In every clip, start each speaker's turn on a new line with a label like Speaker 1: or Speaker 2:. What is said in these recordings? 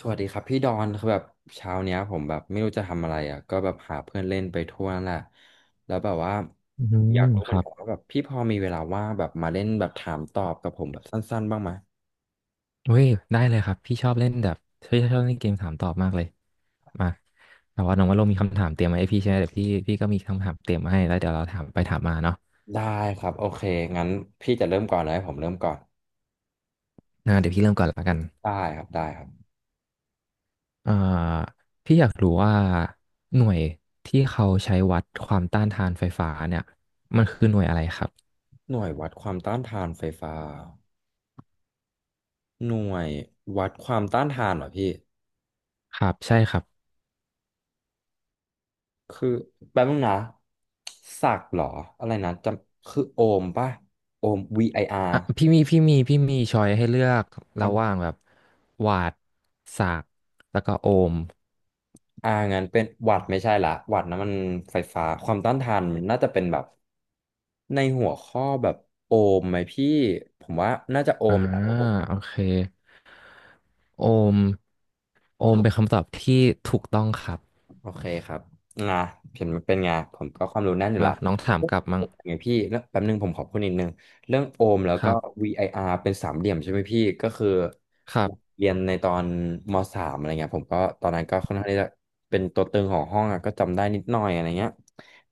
Speaker 1: สวัสดีครับพี่ดอนคือแบบเช้าเนี้ยผมแบบไม่รู้จะทำอะไรอ่ะก็แบบหาเพื่อนเล่นไปทั่วนั่นแหละแล้วแบบว่า
Speaker 2: อื
Speaker 1: อ
Speaker 2: ม
Speaker 1: ยากรู้
Speaker 2: ค
Speaker 1: เหมือ
Speaker 2: รั
Speaker 1: น
Speaker 2: บ
Speaker 1: กันว่าแบบพี่พอมีเวลาว่างแบบมาเล่นแบบถามตอบกับผมแบบสั้นๆบ้างไหม
Speaker 2: เว้ยได้เลยครับพี่ชอบเล่นแบบพี่ชอบเล่นเกมถามตอบมากเลยมาแต่ว่าน้องว่าเรามีคำถามเตรียมมาให้พี่ใช่ไหมเดี๋ยวพี่ก็มีคำถามเตรียมมาให้แล้วเดี๋ยวเราถามไปถามมาเนาะ
Speaker 1: ได้ครับโอเคงั้นพี่จะเริ่มก่อนเลยให้ผมเริ่มก่อน
Speaker 2: เดี๋ยวพี่เริ่มก่อนละกัน
Speaker 1: ได้ครับได้ครับ
Speaker 2: อ่าพี่อยากรู้ว่าหน่วยที่เขาใช้วัดความต้านทานไฟฟ้าเนี่ยมันคือหน่วยอะไรครับ
Speaker 1: หน่วยวัดความต้านทานไฟฟ้าหน่วยวัดความต้านทานเหรอพี่
Speaker 2: ครับใช่ครับ
Speaker 1: คือแป๊บนึงนะศักดิ์เหรออะไรนะจำคือโอห์มป่ะโอห์มวีไออาร
Speaker 2: อ่ะพี่มีช้อยให้เลือกระห
Speaker 1: r
Speaker 2: ว่างแบบวัตต์ศาก์แล้วก็โอห์ม
Speaker 1: อ่างั้นเป็นหวัดไม่ใช่ละหวัดนะมันไฟฟ้า ความต้านทานมันน่าจะเป็นแบบในหัวข้อแบบโอห์มไหมพี่ ผมว่าน่าจะโอ
Speaker 2: อ่า
Speaker 1: ห์มแหละ
Speaker 2: โอเค โอมโอมเป็นคำตอบที่ถูกต้องครับ
Speaker 1: โอเคครับนะเห็นมันเป็นไงผมก็ความรู้แน่นอยู่
Speaker 2: มา
Speaker 1: ละ
Speaker 2: น้องถามกลับมั้ง
Speaker 1: ไงพี่แล้วแป๊บนึงผมขอพูดนิดนึงเรื่องโอห์มแล้ว
Speaker 2: ค
Speaker 1: ก็
Speaker 2: รับ
Speaker 1: VIR เป็นสามเหลี่ยมใช่ไหมพี่ก็คือ
Speaker 2: ครับ
Speaker 1: เรียนในตอนมสามอะไรเงี้ยผมก็ตอนนั้นก็ค่อนข้างที่จะเป็นตัวตึงของห้องอะก็จำได้นิดหน่อยอะไรเงี้ย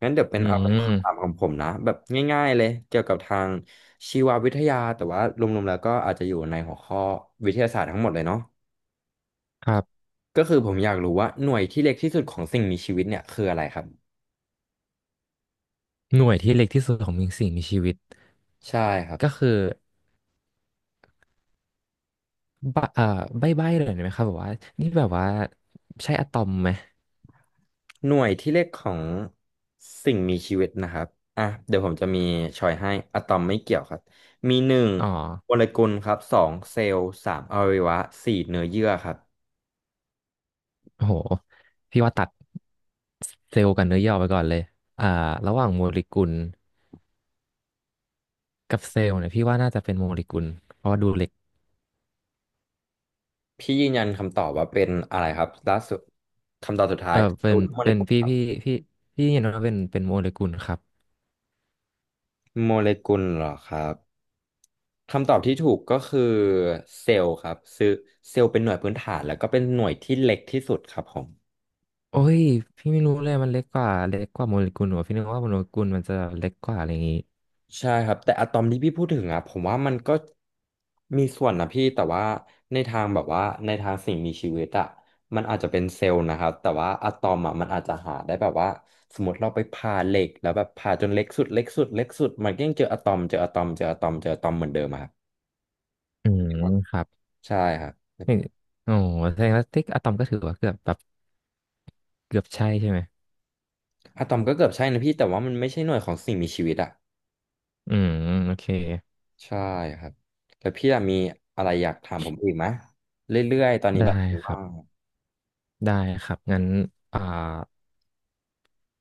Speaker 1: งั้นเดี๋ยวเป็น
Speaker 2: อื
Speaker 1: เอาเป็นคำถาม
Speaker 2: ม
Speaker 1: ของผมนะแบบง่ายๆเลยเกี่ยวกับทางชีววิทยาแต่ว่ารวมๆแล้วก็อาจจะอยู่ในหัวข้อวิทยาศาสตร์ทั้งหมดเลยเนาะ
Speaker 2: ครับ
Speaker 1: ก็คือผมอยากรู้ว่าหน่วยที่เล็กที่สุดของสิ่งมีชีวิตเนี่ยคืออะไรครับ
Speaker 2: หน่วยที่เล็กที่สุดของมีสิ่งมีชีวิต
Speaker 1: ใช่ครับ
Speaker 2: ก็คือใบะเอ่อใบ้เลยไหมครับแบบว่านี่แบบว่าใช่อะตอมไหม
Speaker 1: หน่วยที่เล็กของสิ่งมีชีวิตนะครับอ่ะเดี๋ยวผมจะมีชอยให้อะตอมไม่เกี่ยวครับมีหนึ่ง
Speaker 2: อ๋อ
Speaker 1: โมเลกุลครับสองเซลล์สามอวัยวะสี่เนื้อเยื่อครับ
Speaker 2: โอ้โหพี่ว่าตัดเซลล์กับเนื้อย่อไปก่อนเลยอ่าระหว่างโมเลกุลกับเซลล์เนี่ยพี่ว่าน่าจะเป็นโมเลกุลเพราะว่าดูเล็ก
Speaker 1: พี่ยืนยันคำตอบว่าเป็นอะไรครับล่าสุดคำตอบสุดท้า
Speaker 2: เอ
Speaker 1: ย
Speaker 2: อ
Speaker 1: เซล
Speaker 2: เป็น
Speaker 1: ล์หรือโมเล
Speaker 2: เป็น
Speaker 1: กุลครับ
Speaker 2: พี่พี่เห็นว่าเป็นโมเลกุลครับ
Speaker 1: โมเลกุลเหรอครับคำตอบที่ถูกก็คือเซลล์ครับซึ่งเซลล์เป็นหน่วยพื้นฐานแล้วก็เป็นหน่วยที่เล็กที่สุดครับผม
Speaker 2: โอ้ยพี่ไม่รู้เลยมันเล็กกว่าโมเลกุลเหรอพี่นึกว่าโมเลกุลมันจะเล็กกว่าอะไรอย่างงี้
Speaker 1: ใช่ครับแต่อะตอมที่พี่พูดถึงอ่ะผมว่ามันก็มีส่วนนะพี่แต่ว่าในทางแบบว่าในทางสิ่งมีชีวิตอ่ะมันอาจจะเป็นเซลล์นะครับแต่ว่าอะตอมอ่ะมันอาจจะหาได้แบบว่าสมมติเราไปผ่าเหล็กแล้วแบบผ่าจนเล็กสุดเล็กสุดเล็กสุดมันก็ยังเจออะตอมเจออะตอมเจออะตอมเจออะตอมเหมือนเดิมอะครับ
Speaker 2: อืมครับ
Speaker 1: ใช่ครับ
Speaker 2: นี่โอ้โหแสดงว่าติ๊กอะตอมก็ถือว่าเกือบแบบเกือบใช่ใช่ไหม
Speaker 1: อะตอมก็เกือบใช่นะพี่แต่ว่ามันไม่ใช่หน่วยของสิ่งมีชีวิตอ่ะ
Speaker 2: อืมโอเค
Speaker 1: ใช่ครับแล้วพี่อะมีอะไรอยากถามผมอีกไหมเรื่อยๆตอนนี้
Speaker 2: ได้
Speaker 1: แบบ
Speaker 2: ครั
Speaker 1: ว่าง
Speaker 2: บได้ครับงั้นอ่า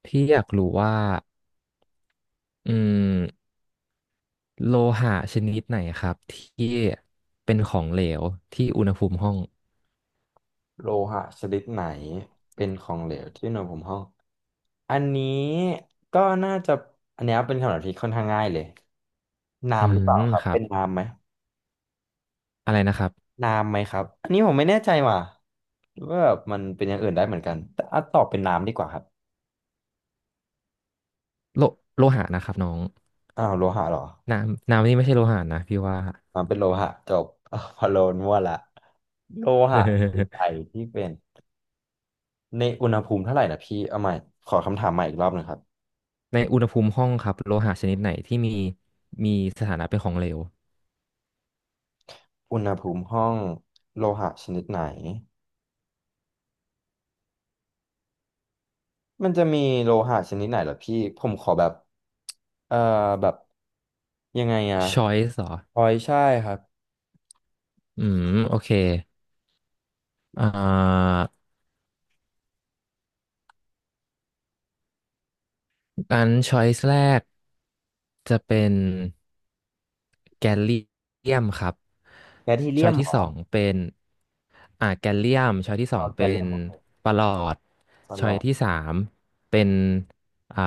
Speaker 2: พี่อยากรู้ว่าอืมโลหะชนิดไหนครับที่เป็นของเหลวที่อุณหภูมิห้อง
Speaker 1: โลหะชนิดไหนเป็นของเหลวที่อุณหภูมิห้องอันนี้ก็น่าจะอันเนี้ยเป็นคำตอบที่ค่อนข้างง่ายเลย
Speaker 2: อื
Speaker 1: น้ำหรือเปล่า
Speaker 2: ม
Speaker 1: ครับ
Speaker 2: ครั
Speaker 1: เป็
Speaker 2: บ
Speaker 1: นน้ำไหม
Speaker 2: อะไรนะครับ
Speaker 1: น้ำไหมครับอันนี้ผมไม่แน่ใจว่ะหรือว่าแบบมันเป็นอย่างอื่นได้เหมือนกันแต่อ่ะตอบเป็นน้ำดีกว่าครับ
Speaker 2: โลโลหะนะครับน้อง
Speaker 1: อ้าวโลหะเหรอ
Speaker 2: น้ำน้ำนี่ไม่ใช่โลหะนะพี่ว่า
Speaker 1: น้ำเป็นโลหะจบ อ้าวพะโลนมั่วละโลหะคือไอ ที่เป็นในอุณหภูมิเท่าไหร่นะพี่เอาใหม่ขอคำถามใหม่อีกรอบหนึงครับ
Speaker 2: ในอุณหภูมิห้องครับโลหะชนิดไหนที่มีสถานะเป็นของเหลว
Speaker 1: อุณหภูมิห้องโลหะชนิดไหน มันจะมีโลหะชนิดไหนเหรอพี่ผมขอแบบเอ่อแบบยังไงอะ
Speaker 2: choice เหรอ
Speaker 1: พลอยใช่ครับ
Speaker 2: อืมโอเคอ่าอัน choice แรกจะเป็นแกลเลียมครับ
Speaker 1: แคดฮีเลียม
Speaker 2: choice
Speaker 1: เห
Speaker 2: ที่
Speaker 1: รอ
Speaker 2: สองเป็นแกลเลียม choice ที่สอ
Speaker 1: เอา
Speaker 2: ง
Speaker 1: แค
Speaker 2: เป็
Speaker 1: ดเลีย
Speaker 2: น
Speaker 1: มเหรอ
Speaker 2: ประหลอด
Speaker 1: ตลอด
Speaker 2: choice ที่สามเป็นอ่า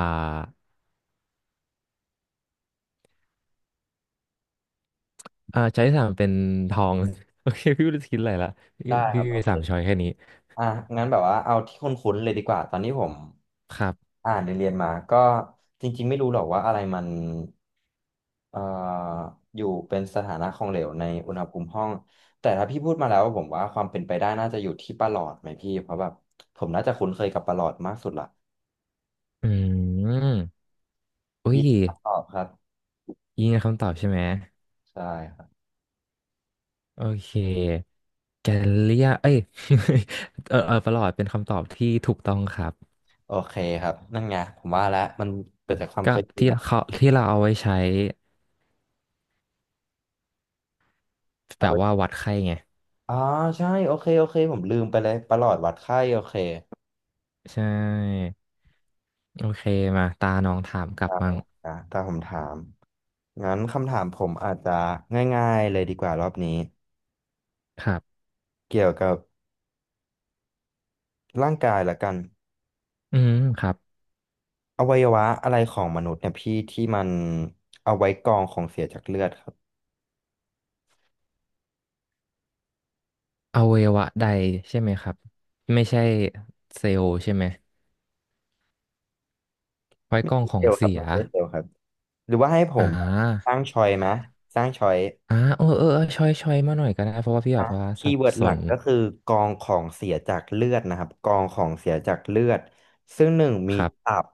Speaker 2: c h o i ที่สามเป็นทอง โอเคพี่ไม่รู้จะคิดอะไรละพี่
Speaker 1: ได้ค
Speaker 2: พี่
Speaker 1: รับโอ
Speaker 2: มี
Speaker 1: เค
Speaker 2: สาม choice แค่นี้
Speaker 1: อ่ะงั้นแบบว่าเอาที่คุ้นๆเลยดีกว่าตอนนี้ผม
Speaker 2: ครับ
Speaker 1: อ่านเรียนๆมาก็จริงๆไม่รู้หรอกว่าอะไรมันเอ่ออยู่เป็นสถานะของเหลวในอุณหภูมิห้องแต่ถ้าพี่พูดมาแล้วผมว่าความเป็นไปได้น่าจะอยู่ที่ประหลอดไหมพี่เพราะแบบผมน่าจะคุ้นเคยกับประหลอดมากสุดละ
Speaker 2: อืม อุ้ย
Speaker 1: ยินดีครับตอบครับ
Speaker 2: ยิงคำตอบใช่ไหม
Speaker 1: ใช่ครับ
Speaker 2: โอเคแกลเลียเอ้ย เออเออประหลอดเป็นคำตอบที่ถูกต้องครับ
Speaker 1: โอเคครับนั่นไงผมว่าแล้วมันเกิดจากความ
Speaker 2: ก็
Speaker 1: เคยชิน
Speaker 2: ที่
Speaker 1: อะ
Speaker 2: เขาที่เราเอาไว้ใช้แบ
Speaker 1: เอา
Speaker 2: บ
Speaker 1: ไว้
Speaker 2: ว่าวัดไข้ไง
Speaker 1: อ๋อใช่โอเคโอเคผมลืมไปเลยประหลอดวัดไข้โอเค
Speaker 2: ใช่โอเคมาตาน้องถามกลั
Speaker 1: ได้
Speaker 2: บมั่ง
Speaker 1: ครับถ้าผมถามงั้นคำถามผมอาจจะง่ายๆเลยดีกว่ารอบนี้
Speaker 2: ครับ
Speaker 1: เกี่ยวกับร่างกายละกัน
Speaker 2: อืมครับ
Speaker 1: อวัยวะอะไรของมนุษย์เนี่ยพี่ที่มันเอาไว้กรองของเสียจากเลือดครับ
Speaker 2: อวัยวะใดใช่ไหมครับไม่ใช่เซลล์ใช่ไหมไว้
Speaker 1: ไม่
Speaker 2: กล้อง
Speaker 1: ใช่
Speaker 2: ขอ
Speaker 1: เซล
Speaker 2: ง
Speaker 1: ล์ครับ
Speaker 2: เสีย
Speaker 1: ไม่ใช่เซลล์ครับหรือว่าให้ผ
Speaker 2: อ่
Speaker 1: มส
Speaker 2: า
Speaker 1: ร้างชอยไหมสร้างชอย
Speaker 2: เออเออเออช่อยช่อยมาหน่อยก็ได้เพราะว่าพี่แบ
Speaker 1: อ่ะ
Speaker 2: บว่า
Speaker 1: คี
Speaker 2: สั
Speaker 1: ย์
Speaker 2: บ
Speaker 1: เวิร์ด
Speaker 2: ส
Speaker 1: หลั
Speaker 2: น
Speaker 1: กก็คือกองของเสียจากเลือดนะครับกองของเสียจากเลือดซึ่งหนึ่งมี
Speaker 2: ครั
Speaker 1: ตั
Speaker 2: บ
Speaker 1: บ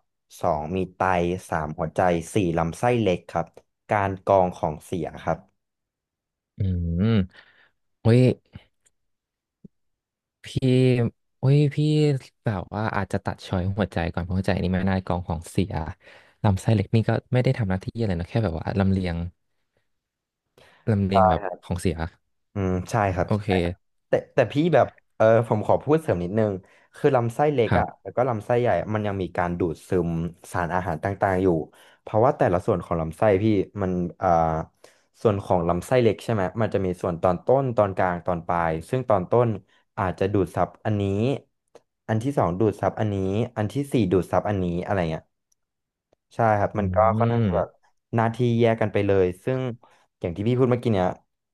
Speaker 1: สองมีไตสามหัวใจสี่ลำไส้เล็กครับการกองของเสียครับ
Speaker 2: อืมโอ้ยพี่โอุ้ยพี่แบบว่าอาจจะตัดช้อยหัวใจก่อนเพราะหัวใจนี่ไม่น่ากองของเสียลำไส้เล็กนี่ก็ไม่ได้ทำหน้าที่อะไรนะแค่แบบว่าลำเลียงลำเลียงแบบของเสีย
Speaker 1: อืมใช่ครับ
Speaker 2: โอ
Speaker 1: ใช่
Speaker 2: เค
Speaker 1: ครับแต่พี่แบบผมขอพูดเสริมนิดนึงคือลำไส้เล็ก
Speaker 2: ครับ
Speaker 1: อ่ะแล้วก็ลำไส้ใหญ่อะมันยังมีการดูดซึมสารอาหารต่างๆอยู่เพราะว่าแต่ละส่วนของลำไส้พี่มันอ่าส่วนของลำไส้เล็กใช่ไหมมันจะมีส่วนตอนต้นตอนกลางตอนปลายซึ่งตอนต้นอาจจะดูดซับอันนี้อันที่สองดูดซับอันนี้อันที่สี่ดูดซับอันนี้อะไรเงี้ย ใช่ครับ
Speaker 2: อื
Speaker 1: มันก็ค่อนข้างที่แบบ
Speaker 2: ม
Speaker 1: หน้าที่แยกกันไปเลยซึ่งอย่างที่พี่พูดเมื่อกี้เนี่ย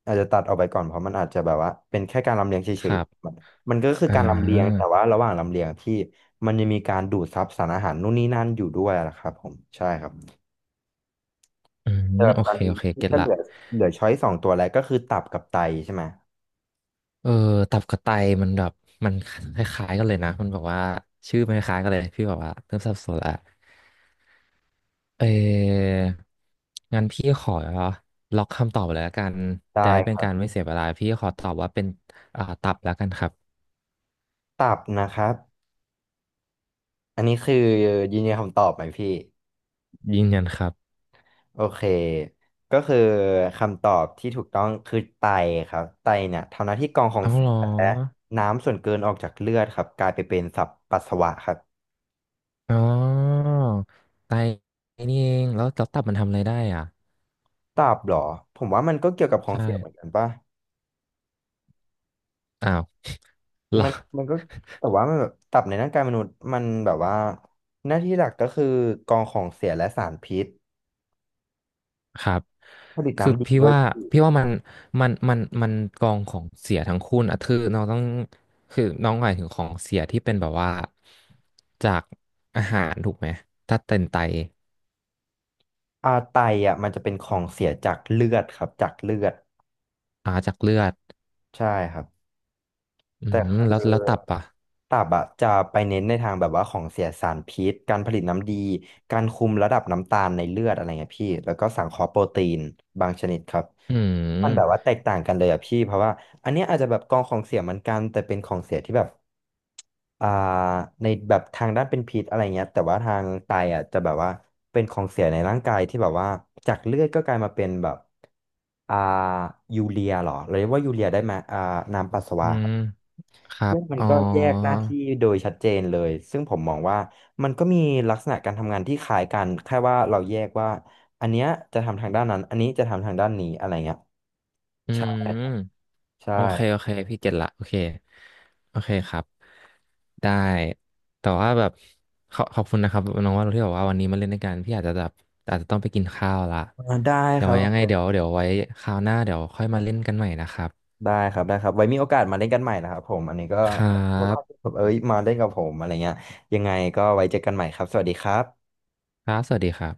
Speaker 1: อาจจะตัดออกไปก่อนเพราะมันอาจจะแบบว่าเป็นแค่การลำเลียงเฉ
Speaker 2: ค
Speaker 1: ย
Speaker 2: รับ
Speaker 1: ๆมันก็คือ
Speaker 2: อ่
Speaker 1: การลำเลียงแต่
Speaker 2: า
Speaker 1: ว่าระหว่างลำเลียงพี่มันยังมีการดูดซับสารอาหารนู่นนี่นั่นอยู่ด้วยนะครับผมใช่ครับ
Speaker 2: อื
Speaker 1: แต่แบบ
Speaker 2: โอ
Speaker 1: ตอ
Speaker 2: เค
Speaker 1: นนี้
Speaker 2: โอเค
Speaker 1: พี่
Speaker 2: เก็ต
Speaker 1: ก็เห
Speaker 2: ละ
Speaker 1: ลือเหลือช้อยสองตัวแล้วก็คือตับกับไตใช่ไหม
Speaker 2: เออตับกระไตมันแบบมันคล้ายๆกันเลยนะมันบอกว่าชื่อมันคล้ายๆกันเลยพี่บอกว่าเริ่มสับสนละเอองั้นพี่ขอล็อกคำตอบเลยละกันจะ
Speaker 1: ได้
Speaker 2: ได้เป็
Speaker 1: ค
Speaker 2: น
Speaker 1: รับ
Speaker 2: การไม่เสียเวลาพี่ขอตอบว่าเป็นตับแล้วกันครับ
Speaker 1: ตับนะครับอันนี้คือยืนยันคำตอบไหมพี่
Speaker 2: ยืนยันครับ
Speaker 1: โอเคก็คือคำตอบที่ถูกต้องคือไตครับไตเนี่ยทำหน้าที่กรองของ
Speaker 2: เอา
Speaker 1: เสี
Speaker 2: เหรอ
Speaker 1: ยและน้ำส่วนเกินออกจากเลือดครับกลายไปเป็นสับปัสสาวะครับ
Speaker 2: อ๋อไตนี่เองแล้วแล้วตับมันทำอะไรได้อ่ะ
Speaker 1: ตับเหรอผมว่ามันก็เกี่ยวกับของ
Speaker 2: ใช่
Speaker 1: เสียเหมือนกันป่ะ
Speaker 2: อ้าวเหรอ
Speaker 1: มันมันก็แต่ว่ามันแบบตับในร่างกายมนุษย์มันแบบว่าหน้าที่หลักก็คือกรองของเสียและสารพิษ
Speaker 2: ครับ
Speaker 1: ผลิต
Speaker 2: คือ
Speaker 1: น้ำดี
Speaker 2: พี่
Speaker 1: ด้วย
Speaker 2: ว่า
Speaker 1: ที่
Speaker 2: พี่ว่ามัน มัน มันกองของเสียทั้งคู่นะคือน้องต้อง คือน้องหมายถึงของเสียที่เป็นแบบว่า จากอาหารถูกไหมถ้าเป็นไต
Speaker 1: ไตอ่ะมันจะเป็นของเสียจากเลือดครับจากเลือด
Speaker 2: จากเลือด
Speaker 1: ใช่ครับ
Speaker 2: อื
Speaker 1: แต่
Speaker 2: ม
Speaker 1: คื
Speaker 2: แล้วแล้วตับ
Speaker 1: อ
Speaker 2: อ่ะ
Speaker 1: ตับอะจะไปเน้นในทางแบบว่าของเสียสารพิษการผลิตน้ำดี การคุมระดับน้ำตาลในเลือดอะไรเงี้ยพี่แล้วก็สังเคราะห์โปรตีนบางชนิดครับ
Speaker 2: อื
Speaker 1: มันแบบ
Speaker 2: ม
Speaker 1: ว่าแตกต่างกันเลยอะพี่เพราะว่าอันเนี้ยอาจจะแบบกองของเสียเหมือนกันแต่เป็นของเสียที่แบบอ่าในแบบทางด้านเป็นพิษอะไรเงี้ยแต่ว่าทางไตอะจะแบบว่าเป็นของเสียในร่างกายที่แบบว่าจากเลือดก็กลายมาเป็นแบบอ่ายูเรียเหรอเรียกว่ายูเรียได้ไหมน้ำปัสสา
Speaker 2: อื
Speaker 1: วะ
Speaker 2: มครั
Speaker 1: ซึ่
Speaker 2: บ
Speaker 1: งมัน
Speaker 2: อ๋อ
Speaker 1: ก็แยกหน้าที่โดยชัดเจนเลยซึ่งผมมองว่ามันก็มีลักษณะการทำงานที่คล้ายกันแค่ว่าเราแยกว่าอันเนี้ยจะทำทางด้านนั้นอันนี้จะทำทางด้านนี้อะไรเงี้ย
Speaker 2: อื
Speaker 1: ใช่
Speaker 2: ม
Speaker 1: ใช่
Speaker 2: โอเคโอเคพี่เก็ตละโอเคโอเคครับได้แต่ว่าแบบขอขอบคุณนะครับน้องว่าที่บอกว่าวันนี้มาเล่นด้วยกันพี่อาจจะแบบอาจจะต้องไปกินข้าวละ
Speaker 1: ได้
Speaker 2: เดี๋ย
Speaker 1: ค
Speaker 2: ว
Speaker 1: รั
Speaker 2: ไว้
Speaker 1: บ
Speaker 2: ยังไงเดี๋ยวไว้คราวหน้าเดี๋ยวค่อยมาเล่นกันใหม่นะครับ
Speaker 1: ได้ครับได้ครับไว้มีโอกาสมาเล่นกันใหม่นะครับผมอันนี้ก็
Speaker 2: ครั
Speaker 1: เพราะว่าที่
Speaker 2: บ
Speaker 1: ผมเอ้ยมาเล่นกับผมอะไรเงี้ยยังไงก็ไว้เจอกันใหม่ครับสวัสดีครับ
Speaker 2: ครับสวัสดีครับ